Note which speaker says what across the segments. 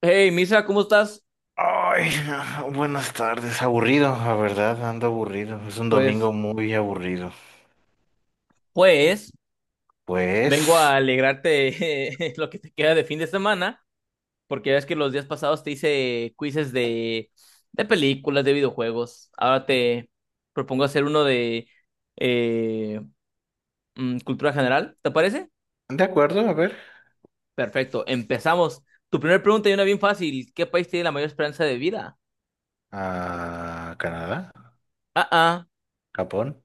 Speaker 1: Hey, Misa, ¿cómo estás?
Speaker 2: Ay, buenas tardes. Aburrido, la verdad, ando aburrido. Es un
Speaker 1: Pues,
Speaker 2: domingo muy aburrido.
Speaker 1: pues, vengo a
Speaker 2: Pues,
Speaker 1: alegrarte lo que te queda de fin de semana, porque ya ves que los días pasados te hice quizzes de películas, de videojuegos. Ahora te propongo hacer uno de eh, cultura general, ¿te parece?
Speaker 2: de acuerdo, a ver.
Speaker 1: Perfecto, empezamos. Tu primera pregunta y una bien fácil. ¿Qué país tiene la mayor esperanza de vida?
Speaker 2: A Canadá,
Speaker 1: Ah, ah,
Speaker 2: Japón.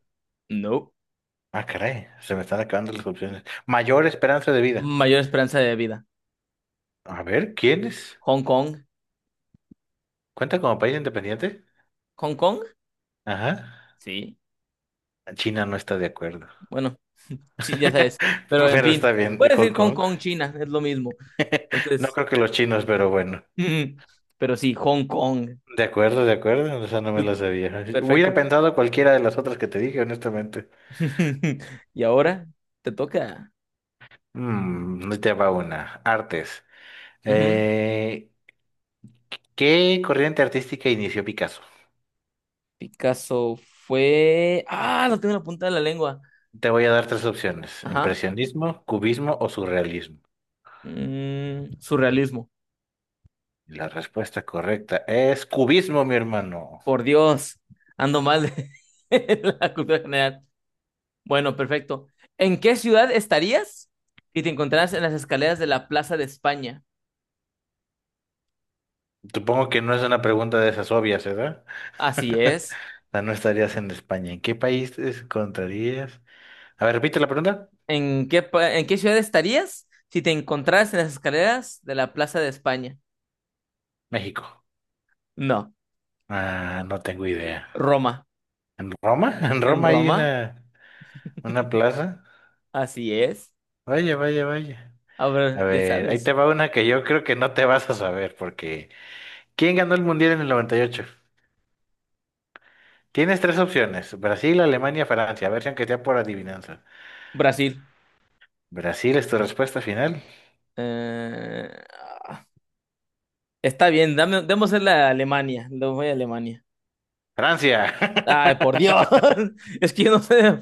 Speaker 1: no.
Speaker 2: Ah, caray, se me están acabando las opciones. Mayor esperanza de vida.
Speaker 1: Mayor esperanza de vida.
Speaker 2: A ver, ¿quién es?
Speaker 1: ¿Hong Kong?
Speaker 2: ¿Cuenta como país independiente?
Speaker 1: ¿Hong Kong?
Speaker 2: Ajá.
Speaker 1: Sí.
Speaker 2: China no está de acuerdo.
Speaker 1: Bueno, ya sabes. Pero en
Speaker 2: Pero está
Speaker 1: fin,
Speaker 2: bien,
Speaker 1: puedes decir
Speaker 2: Hong
Speaker 1: Hong
Speaker 2: Kong.
Speaker 1: Kong, China, es lo mismo.
Speaker 2: No
Speaker 1: Entonces,
Speaker 2: creo que los chinos, pero bueno.
Speaker 1: pero sí, Hong Kong.
Speaker 2: De acuerdo, de acuerdo. Esa no me la sabía. Hubiera
Speaker 1: Perfecto.
Speaker 2: pensado cualquiera de las otras que te dije, honestamente.
Speaker 1: Y ahora te toca.
Speaker 2: Mm, ahí te va una. Artes.
Speaker 1: Ujú.
Speaker 2: Eh, ¿Qué corriente artística inició Picasso?
Speaker 1: Picasso fue. Ah, lo tengo en la punta de la lengua.
Speaker 2: Te voy a dar tres opciones:
Speaker 1: Ajá.
Speaker 2: impresionismo, cubismo o surrealismo.
Speaker 1: Surrealismo.
Speaker 2: La respuesta correcta es cubismo, mi hermano.
Speaker 1: Por Dios. Ando mal de la cultura general. Bueno, perfecto. ¿En qué ciudad estarías si te encontraras en las escaleras de la Plaza de España?
Speaker 2: Supongo que no es una pregunta de esas obvias, ¿verdad?
Speaker 1: Así es.
Speaker 2: O sea, no estarías en España. ¿En qué país te encontrarías? A ver, repite la pregunta.
Speaker 1: ¿En qué, en qué ciudad estarías si te encontraras en las escaleras de la Plaza de España?
Speaker 2: México.
Speaker 1: No,
Speaker 2: Ah, no tengo idea.
Speaker 1: Roma.
Speaker 2: ¿En Roma? ¿En
Speaker 1: ¿En
Speaker 2: Roma hay
Speaker 1: Roma?
Speaker 2: una plaza?
Speaker 1: Así es.
Speaker 2: Vaya, vaya, vaya.
Speaker 1: A
Speaker 2: A
Speaker 1: ver, ya
Speaker 2: ver, ahí
Speaker 1: sabes,
Speaker 2: te va una que yo creo que no te vas a saber, porque ¿quién ganó el Mundial en el 98? Tienes tres opciones, Brasil, Alemania, Francia, a ver si aunque sea por adivinanza.
Speaker 1: Brasil.
Speaker 2: Brasil es tu respuesta final.
Speaker 1: Eh, ah, está bien, dame, démosle a Alemania. Le voy a Alemania.
Speaker 2: Francia.
Speaker 1: Ay, por Dios, es que yo no sé de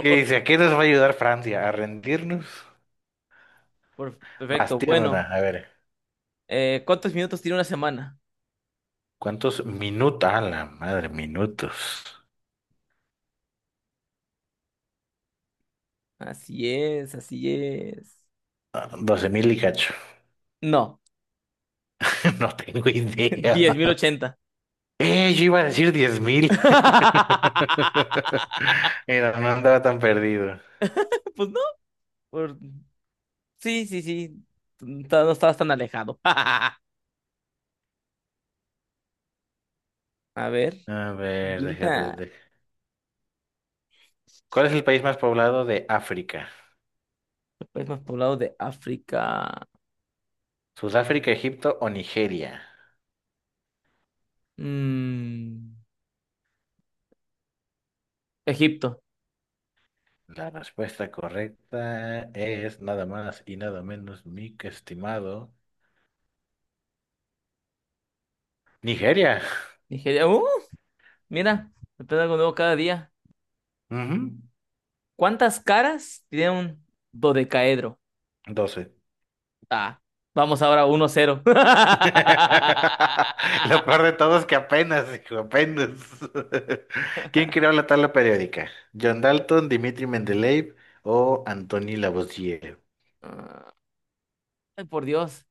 Speaker 2: ¿Qué dice? ¿A qué nos va a ayudar Francia? ¿A rendirnos? Vas,
Speaker 1: Perfecto,
Speaker 2: tírame una,
Speaker 1: bueno.
Speaker 2: a ver.
Speaker 1: ¿Cuántos minutos tiene una semana?
Speaker 2: ¿Cuántos minutos? A la madre, minutos.
Speaker 1: Así es, así es.
Speaker 2: 12,000 y cacho.
Speaker 1: No,
Speaker 2: No tengo
Speaker 1: diez
Speaker 2: idea.
Speaker 1: mil ochenta.
Speaker 2: Yo iba a decir 10,000. Mira, no andaba tan perdido.
Speaker 1: Pues no, por- sí, no estabas tan alejado. A ver,
Speaker 2: A
Speaker 1: se
Speaker 2: ver, déjate,
Speaker 1: encuentra
Speaker 2: de- ¿Cuál es el país más poblado de África?
Speaker 1: el país más poblado de África.
Speaker 2: ¿Sudáfrica, Egipto o Nigeria?
Speaker 1: Mm, Egipto,
Speaker 2: La respuesta correcta es nada más y nada menos, mi estimado. Nigeria.
Speaker 1: Nigeria. ¡Uh! Mira, aprende algo nuevo cada día.
Speaker 2: Ujú,
Speaker 1: ¿Cuántas caras tiene un dodecaedro?
Speaker 2: 12.
Speaker 1: Ah, vamos ahora uno cero.
Speaker 2: Lo peor de todo es que apenas, hijo, apenas. ¿Quién creó la tabla periódica? ¿John Dalton, Dimitri Mendeleev o Antoni Lavoisier?
Speaker 1: Ay, por Dios,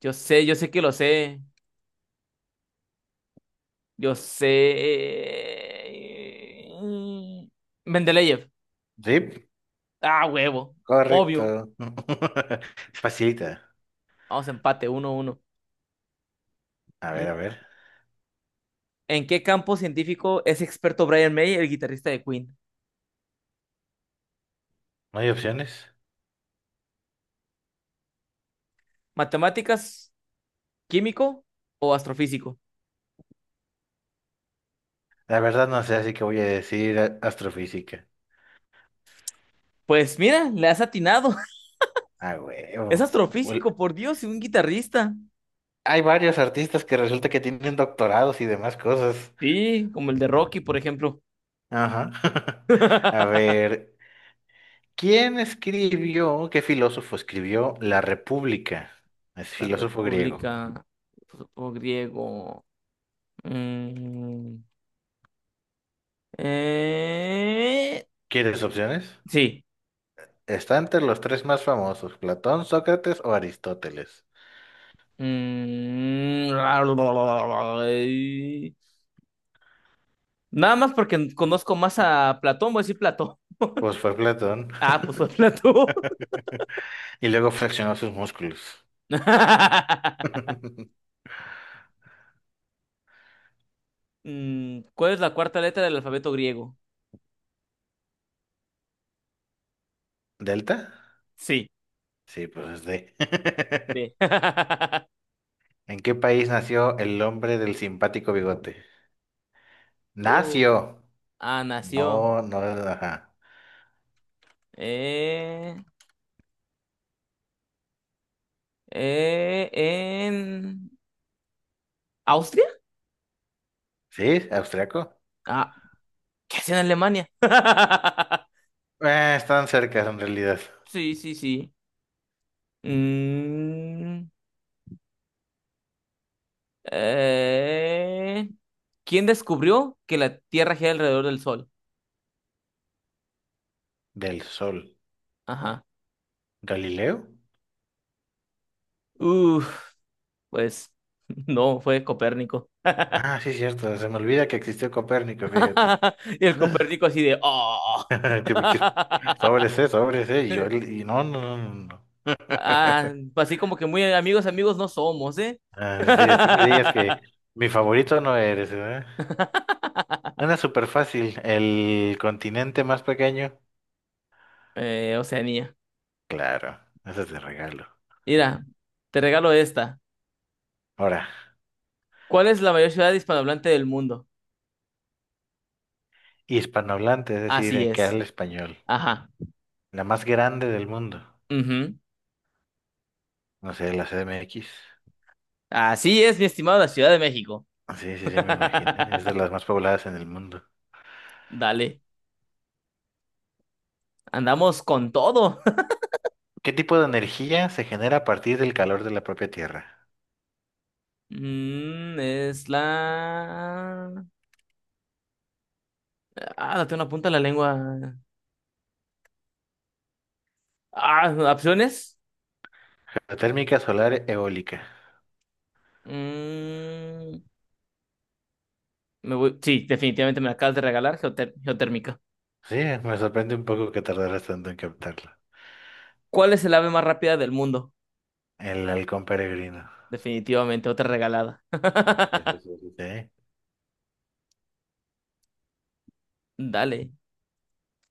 Speaker 1: yo sé que lo sé. Yo sé. Mendeleev.
Speaker 2: Sí,
Speaker 1: Ah, huevo. Obvio.
Speaker 2: correcto. Facilita.
Speaker 1: Vamos a empate, uno uno.
Speaker 2: A ver, a
Speaker 1: Mm,
Speaker 2: ver.
Speaker 1: ¿En qué campo científico es experto Brian May, el guitarrista de Queen?
Speaker 2: ¿No hay opciones?
Speaker 1: ¿Matemáticas, químico o astrofísico?
Speaker 2: La verdad no sé, así que voy a decir astrofísica.
Speaker 1: Pues mira, le has atinado.
Speaker 2: Ah,
Speaker 1: Es
Speaker 2: huevo. Ul-
Speaker 1: astrofísico, por Dios, y un guitarrista.
Speaker 2: Hay varios artistas que resulta que tienen doctorados y demás cosas.
Speaker 1: Sí, como el de Rocky, por ejemplo.
Speaker 2: Ajá. A ver, ¿qué filósofo escribió La República? Es
Speaker 1: La
Speaker 2: filósofo griego.
Speaker 1: República, supongo griego. Mm, eh,
Speaker 2: ¿Quieres opciones?
Speaker 1: Sí.
Speaker 2: Está entre los tres más famosos, Platón, Sócrates o Aristóteles.
Speaker 1: Mm, nada más porque conozco más a Platón, voy a decir Platón.
Speaker 2: Pues fue Platón.
Speaker 1: Ah, pues fue Platón.
Speaker 2: Y luego flexionó sus músculos.
Speaker 1: ¿Cuál es la cuarta letra del alfabeto griego?
Speaker 2: ¿Delta?
Speaker 1: Sí.
Speaker 2: Sí, pues es D.
Speaker 1: D.
Speaker 2: ¿En qué país nació el hombre del simpático bigote?
Speaker 1: Uh,
Speaker 2: Nació.
Speaker 1: nació.
Speaker 2: No, no, ajá.
Speaker 1: eh, en Austria.
Speaker 2: ¿Sí? ¿Austriaco?
Speaker 1: Ah, ¿qué hace en Alemania?
Speaker 2: Están cerca en realidad.
Speaker 1: Sí, sí, sí. Mm, Eh, ¿Quién descubrió que la Tierra gira alrededor del Sol?
Speaker 2: Del Sol.
Speaker 1: Ajá.
Speaker 2: ¿Galileo?
Speaker 1: Uf, pues no, fue Copérnico.
Speaker 2: Ah, sí, cierto. Se me olvida que existió Copérnico, fíjate.
Speaker 1: Y el
Speaker 2: Ah,
Speaker 1: Copérnico así de, oh.
Speaker 2: Qué pinches- Sobres, sobres, Y yo, y no.
Speaker 1: Ah, pues así como que muy amigos, amigos no somos, ¿eh?
Speaker 2: Ah, sí, así que digas que mi favorito no eres, ¿verdad? Una súper fácil. El continente más pequeño.
Speaker 1: Oceanía.
Speaker 2: Claro, eso es de regalo.
Speaker 1: Mira, te regalo esta.
Speaker 2: Ahora,
Speaker 1: ¿Cuál es la mayor ciudad hispanohablante del mundo?
Speaker 2: hispanohablante, es decir,
Speaker 1: Así
Speaker 2: que
Speaker 1: es.
Speaker 2: habla español.
Speaker 1: Ajá.
Speaker 2: La más grande del mundo.
Speaker 1: Ujú.
Speaker 2: No sé, la C CDMX.
Speaker 1: Así es, mi estimado, la Ciudad de México.
Speaker 2: Sí, sí, sí, me imaginé. Es de las más pobladas en el mundo.
Speaker 1: Dale, andamos con todo.
Speaker 2: ¿Qué tipo de energía se genera a partir del calor de la propia Tierra?
Speaker 1: Es la... Ah, la tengo en la punta de la lengua. Ah, ¿opciones?
Speaker 2: Geotérmica, solar, eólica.
Speaker 1: Mm, me voy... Sí, definitivamente me la acabas de regalar, geotérmica.
Speaker 2: Sí, me sorprende un poco que tardaras tanto en captarlo.
Speaker 1: ¿Cuál es el ave más rápida del mundo?
Speaker 2: El halcón peregrino.
Speaker 1: Definitivamente, otra regalada.
Speaker 2: Eso sí, eso sí. Sí.
Speaker 1: Dale,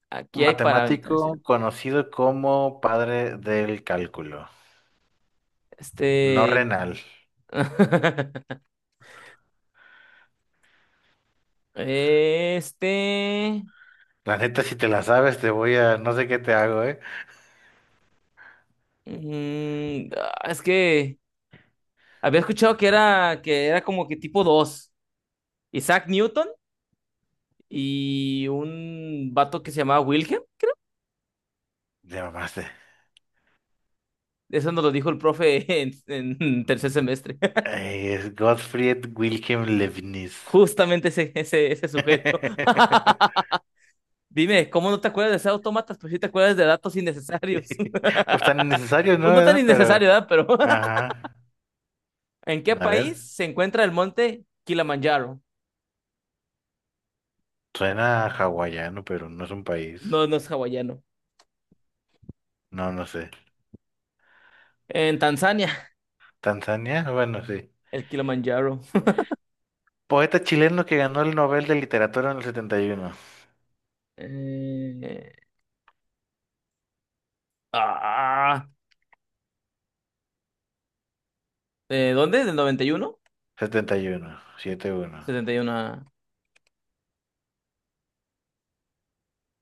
Speaker 1: aquí hay para aventar. Sí.
Speaker 2: Matemático conocido como padre del cálculo, no
Speaker 1: Este...
Speaker 2: renal.
Speaker 1: Este...
Speaker 2: La neta, si te la sabes, te voy a... No sé qué te hago, ¿eh?
Speaker 1: es que... Había escuchado que era como que tipo dos. Isaac Newton y un vato que se llamaba Wilhelm.
Speaker 2: Te mamaste.
Speaker 1: Eso nos lo dijo el profe en tercer semestre.
Speaker 2: Es Gottfried Wilhelm Leibniz.
Speaker 1: Justamente ese sujeto. Dime, ¿cómo no te acuerdas de ser autómatas? Pues sí te acuerdas de datos innecesarios.
Speaker 2: Pues tan necesario, ¿no?
Speaker 1: Pues no tan
Speaker 2: ¿Verdad? Pero...
Speaker 1: innecesario, ¿verdad? Pero
Speaker 2: Ajá.
Speaker 1: ¿en qué
Speaker 2: A
Speaker 1: país
Speaker 2: ver,
Speaker 1: se encuentra el monte Kilimanjaro?
Speaker 2: suena hawaiano, pero no es un país.
Speaker 1: No, no es hawaiano.
Speaker 2: No, no sé.
Speaker 1: En Tanzania,
Speaker 2: ¿Tanzania? Bueno, sí.
Speaker 1: el Kilimanjaro.
Speaker 2: Poeta chileno que ganó el Nobel de Literatura en el
Speaker 1: Eh, ah, ¿De ¿dónde? ¿Del 91?
Speaker 2: 71. 71, uno
Speaker 1: 71.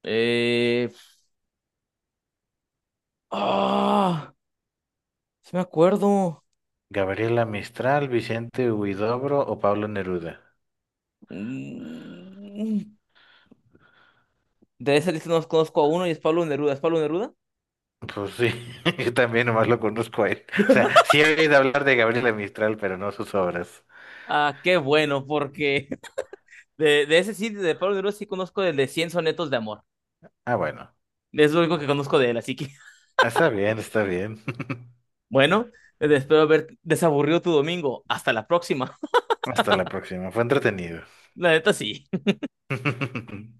Speaker 1: Eh... ¡Ah! Sí me acuerdo.
Speaker 2: Gabriela Mistral, Vicente Huidobro o Pablo Neruda.
Speaker 1: Mm. De esa lista no conozco a uno y es Pablo Neruda. ¿Es Pablo Neruda?
Speaker 2: Pues sí, yo también nomás lo conozco a él. O sea, sí he oído hablar de Gabriela Mistral, pero no sus obras.
Speaker 1: Ah, qué bueno, porque de ese sí, de Pablo Neruda sí conozco el de 100 sonetos de amor.
Speaker 2: Ah, bueno.
Speaker 1: Es lo único que conozco de él, así que
Speaker 2: Está bien, está bien.
Speaker 1: bueno, espero haber desaburrido tu domingo. Hasta la próxima.
Speaker 2: Hasta la próxima. Fue entretenido.
Speaker 1: La neta sí.